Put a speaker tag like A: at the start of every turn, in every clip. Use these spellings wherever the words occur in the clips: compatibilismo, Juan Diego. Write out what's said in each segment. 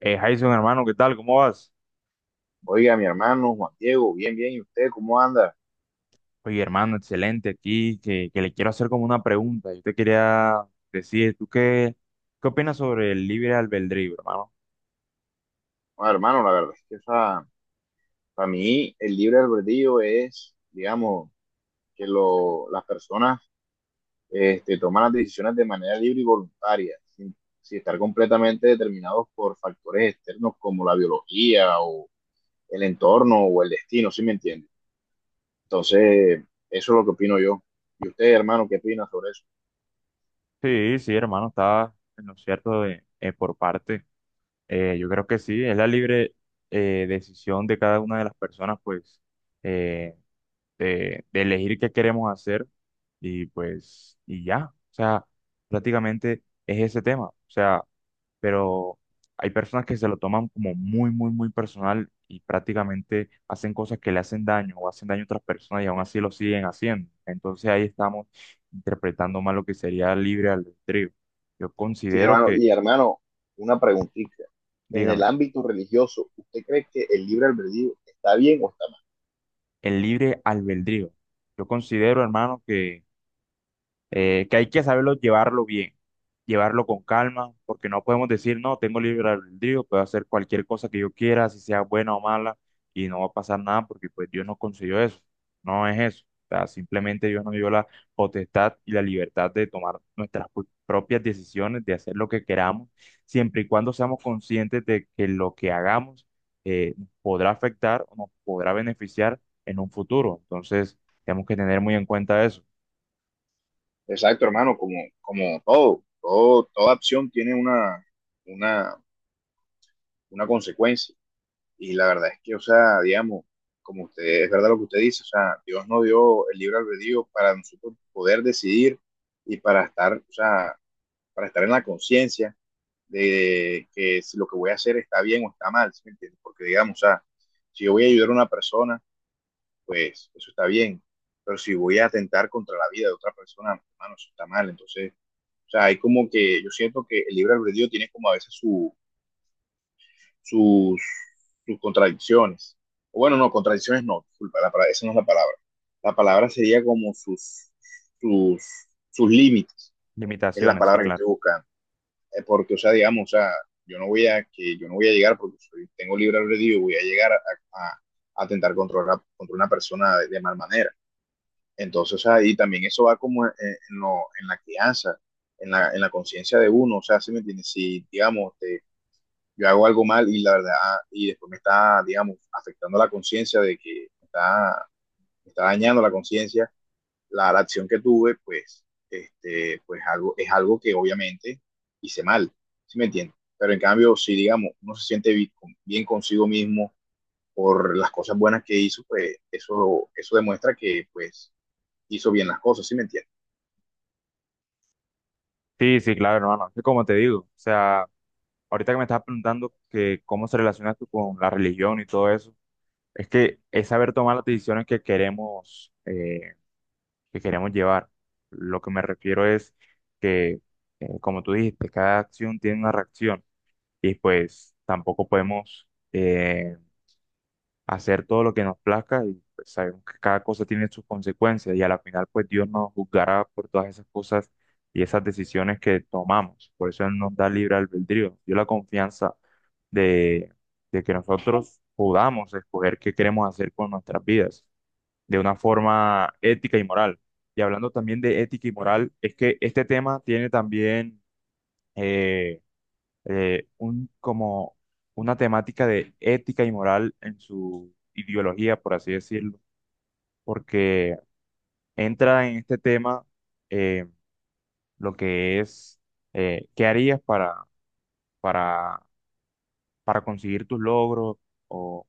A: Jason, hermano, ¿qué tal? ¿Cómo vas?
B: Oiga, mi hermano Juan Diego, bien, bien, ¿y usted cómo anda?
A: Oye, hermano, excelente aquí, que le quiero hacer como una pregunta. Yo te quería decir, ¿qué opinas sobre el libre albedrío, hermano?
B: Bueno, hermano, la verdad es que para mí el libre albedrío es, digamos, que las personas toman las decisiones de manera libre y voluntaria, sin estar completamente determinados por factores externos como la biología o el entorno o el destino, ¿sí me entiende? Entonces, eso es lo que opino yo. ¿Y usted, hermano, qué opina sobre eso?
A: Sí, sí, hermano, está en lo cierto de, por parte. Yo creo que sí, es la libre decisión de cada una de las personas, pues, eh, de elegir qué queremos hacer y pues, y ya. O sea, prácticamente es ese tema. O sea, pero hay personas que se lo toman como muy personal y prácticamente hacen cosas que le hacen daño o hacen daño a otras personas y aún así lo siguen haciendo. Entonces ahí estamos interpretando mal lo que sería el libre albedrío. Yo
B: Sí,
A: considero
B: hermano.
A: que,
B: Y hermano, una preguntita. En el
A: dígame,
B: ámbito religioso, ¿usted cree que el libre albedrío está bien o está mal?
A: el libre albedrío. Yo considero, hermano, que hay que saberlo llevarlo bien, llevarlo con calma, porque no podemos decir, no, tengo libre albedrío, puedo hacer cualquier cosa que yo quiera, si sea buena o mala, y no va a pasar nada, porque pues Dios nos concedió eso, no es eso. O sea, simplemente Dios nos dio la potestad y la libertad de tomar nuestras propias decisiones, de hacer lo que queramos, siempre y cuando seamos conscientes de que lo que hagamos nos podrá afectar o nos podrá beneficiar en un futuro. Entonces, tenemos que tener muy en cuenta eso.
B: Exacto, hermano, como, como todo, todo, toda acción tiene una, una consecuencia. Y la verdad es que, o sea, digamos, como usted, es verdad lo que usted dice, o sea, Dios nos dio el libre albedrío para nosotros poder decidir y para estar, o sea, para estar en la conciencia de que si lo que voy a hacer está bien o está mal, ¿sí me entiendes? Porque digamos, o sea, si yo voy a ayudar a una persona, pues eso está bien, pero si voy a atentar contra la vida de otra persona, hermano, eso está mal. Entonces, o sea, hay como que yo siento que el libre albedrío tiene como a veces sus, sus contradicciones. O bueno, no, contradicciones no, disculpa, esa no es la palabra. La palabra sería como sus, sus límites, es la
A: Limitaciones, sí,
B: palabra que
A: claro.
B: estoy buscando. Porque, o sea, digamos, o sea, yo no voy a, que yo no voy a llegar porque soy, tengo libre albedrío, y voy a llegar a tentar controlar contra una persona mal manera. Entonces, o sea, y también eso va como en la crianza, en la conciencia de uno, o sea, ¿sí me entiendes? Si, digamos, yo hago algo mal y la verdad, y después me está, digamos, afectando la conciencia de que me está dañando la conciencia, la acción que tuve, pues, pues es algo que obviamente hice mal, ¿sí me entiendes? Pero en cambio, si digamos, uno se siente bien, bien consigo mismo por las cosas buenas que hizo, pues eso demuestra que pues hizo bien las cosas, ¿sí me entiendes?
A: Sí, sí, claro, hermano. Es que como te digo, o sea, ahorita que me estás preguntando que cómo se relaciona tú con la religión y todo eso, es que es saber tomar las decisiones que queremos llevar. Lo que me refiero es que, como tú dijiste, cada acción tiene una reacción y pues tampoco podemos eh, hacer todo lo que nos plazca y pues, sabemos que cada cosa tiene sus consecuencias y a la final pues Dios nos juzgará por todas esas cosas y esas decisiones que tomamos. Por eso Él nos da libre albedrío, nos dio la confianza de, de que nosotros podamos escoger qué queremos hacer con nuestras vidas de una forma ética y moral. Y hablando también de ética y moral, es que este tema tiene también... eh, un, como una temática de ética y moral en su ideología, por así decirlo, porque entra en este tema eh, lo que es, ¿qué harías para, para conseguir tus logros? ¿O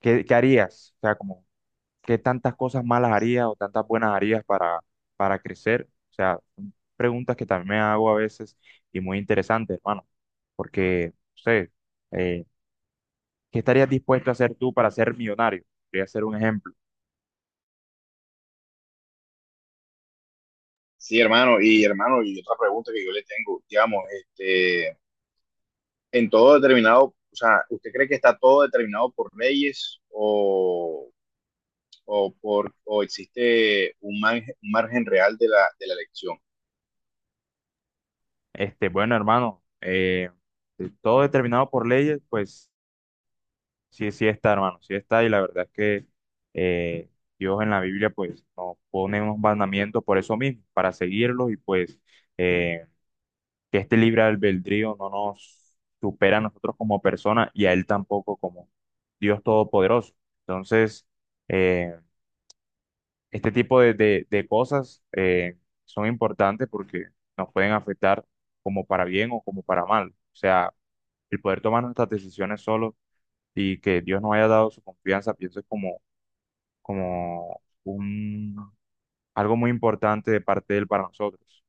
A: qué harías? O sea, como, ¿qué tantas cosas malas harías o tantas buenas harías para crecer? O sea, son preguntas que también me hago a veces y muy interesantes, hermano, porque, no sé, eh, ¿qué estarías dispuesto a hacer tú para ser millonario? Voy a hacer un ejemplo.
B: Sí, hermano, y hermano, y otra pregunta que yo le tengo, digamos, este, en todo determinado, o sea, ¿usted cree que está todo determinado por leyes o por, o existe un margen real de de la elección?
A: Este, bueno, hermano, todo determinado por leyes, pues sí, sí está, hermano, sí está. Y la verdad es que eh, Dios en la Biblia, pues nos pone unos mandamientos por eso mismo, para seguirlos y pues eh, que este libre albedrío no nos supera a nosotros como personas y a Él tampoco como Dios Todopoderoso. Entonces, eh, este tipo de, de cosas son importantes porque nos pueden afectar como para bien o como para mal. O sea, el poder tomar nuestras decisiones solo y que Dios nos haya dado su confianza, pienso es como, como un, algo muy importante de parte de Él para nosotros.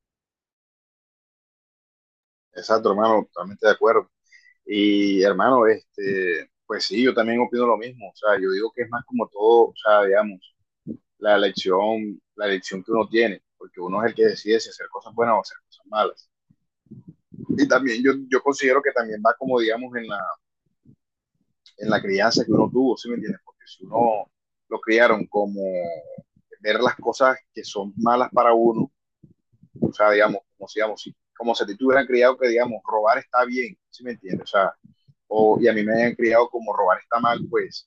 B: Exacto, hermano, totalmente de acuerdo. Y hermano, este, pues sí, yo también opino lo mismo. O sea, yo digo que es más como todo, o sea, digamos, la elección que uno tiene, porque uno es el que decide si hacer cosas buenas o hacer cosas malas. Y también yo considero que también va como, digamos, en en la crianza que uno tuvo, ¿sí me entiendes? Porque si uno lo criaron como ver las cosas que son malas para uno, o sea, digamos, como si a ti te hubieran criado que, digamos, robar está bien, ¿sí me entiendes? O sea, o, y a mí me hayan criado como robar está mal, pues,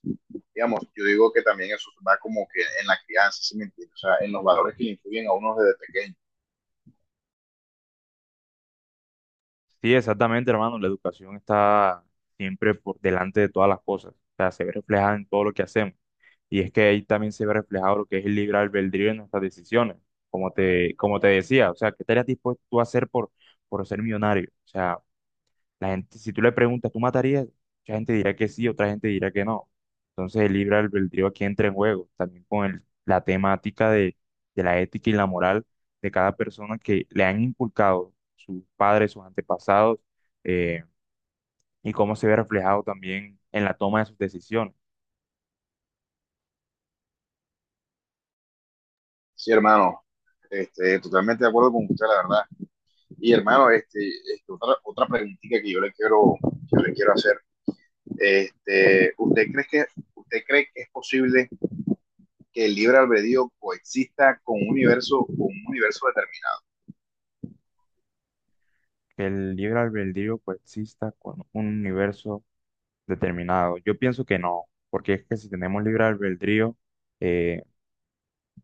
B: digamos, yo digo que también eso va como que en la crianza, ¿sí me entiendes? O sea, en los valores que le influyen a uno desde pequeño.
A: Sí, exactamente, hermano, la educación está siempre por delante de todas las cosas. O sea, se ve reflejada en todo lo que hacemos. Y es que ahí también se ve reflejado lo que es el libre albedrío en nuestras decisiones, como te decía, o sea, ¿qué estarías dispuesto tú a hacer por ser millonario? O sea, la gente, si tú le preguntas, ¿tú matarías? Mucha gente dirá que sí, otra gente dirá que no. Entonces el libre albedrío aquí entra en juego, también con la temática de la ética y la moral de cada persona que le han inculcado sus padres, sus antepasados, eh, y cómo se ve reflejado también en la toma de sus decisiones.
B: Sí, hermano, este, totalmente de acuerdo con usted, la verdad. Y hermano, este, otra preguntita que yo le quiero hacer. Este, ¿usted cree que es posible que el libre albedrío coexista con un con un universo determinado?
A: Que el libre albedrío coexista con un universo determinado. Yo pienso que no, porque es que si tenemos libre albedrío, eh,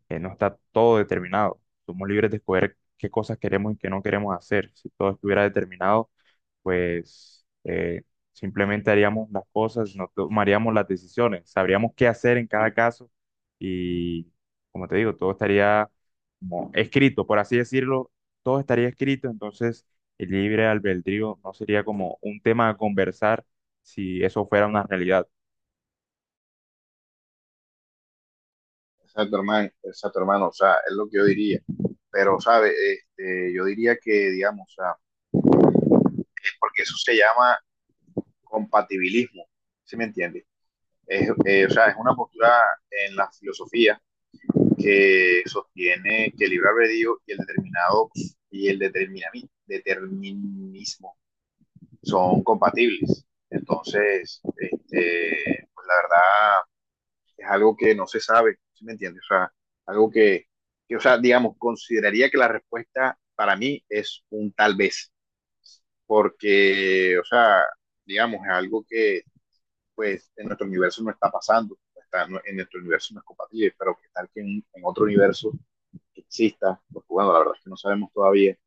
A: no está todo determinado. Somos libres de escoger qué cosas queremos y qué no queremos hacer. Si todo estuviera determinado, pues simplemente haríamos las cosas, no tomaríamos las decisiones, sabríamos qué hacer en cada caso y, como te digo, todo estaría como escrito, por así decirlo, todo estaría escrito, entonces el libre albedrío no sería como un tema a conversar si eso fuera una realidad.
B: Exacto, hermano, o sea, es lo que yo diría. Pero, ¿sabe? Este, yo diría que, digamos, o sea, es porque eso se llama compatibilismo, ¿sí me entiende? Es, o sea, es una postura en la filosofía que sostiene que el libre albedrío y el determinado y determinismo son compatibles. Entonces, este, pues la verdad, es algo que no se sabe, ¿sí me entiendes? O sea, algo que, o sea, digamos, consideraría que la respuesta para mí es un tal vez, porque, o sea, digamos, es algo que, pues, en nuestro universo no está pasando, está, no, en nuestro universo no es compatible, pero que tal que en otro universo exista, porque bueno, la verdad es que no sabemos todavía,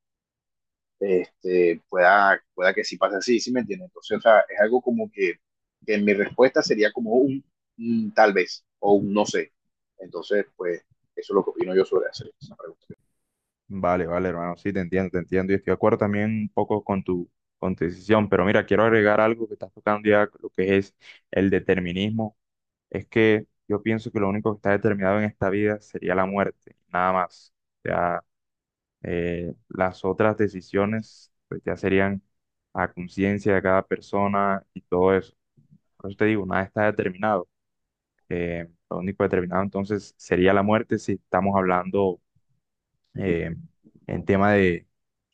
B: este, pueda que sí pase así, ¿sí me entiendes? Entonces, o sea, es algo como que mi respuesta sería como un tal vez o un no sé. Entonces, pues, eso es lo que opino yo sobre hacer esa pregunta.
A: Vale, vale, hermano, sí, te entiendo y estoy de acuerdo también un poco con tu decisión, pero mira, quiero agregar algo que estás tocando ya, lo que es el determinismo. Es que yo pienso que lo único que está determinado en esta vida sería la muerte, nada más. Ya las otras decisiones pues ya serían a conciencia de cada persona y todo eso. Por eso te digo, nada está determinado. Lo único determinado entonces sería la muerte si estamos hablando eh, en tema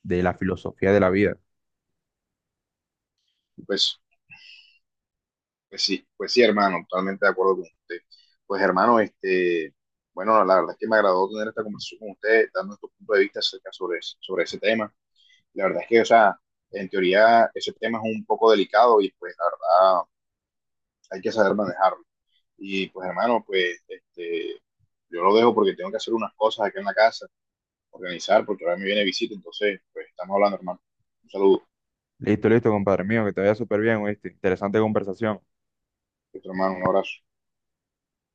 A: de la filosofía de la vida.
B: Pues, pues sí, hermano, totalmente de acuerdo con usted. Pues, hermano, este, bueno, la verdad es que me agradó tener esta conversación con usted, dando nuestro punto de vista sobre ese tema. La verdad es que, o sea, en teoría, ese tema es un poco delicado y, pues, la verdad, hay que saber manejarlo. Y pues hermano, pues este, yo lo dejo porque tengo que hacer unas cosas acá en la casa, organizar, porque ahora me viene visita, entonces pues estamos hablando hermano. Un saludo,
A: Listo, listo, compadre mío, que te vaya súper bien, ¿oíste? Interesante conversación.
B: nuestro hermano, un abrazo.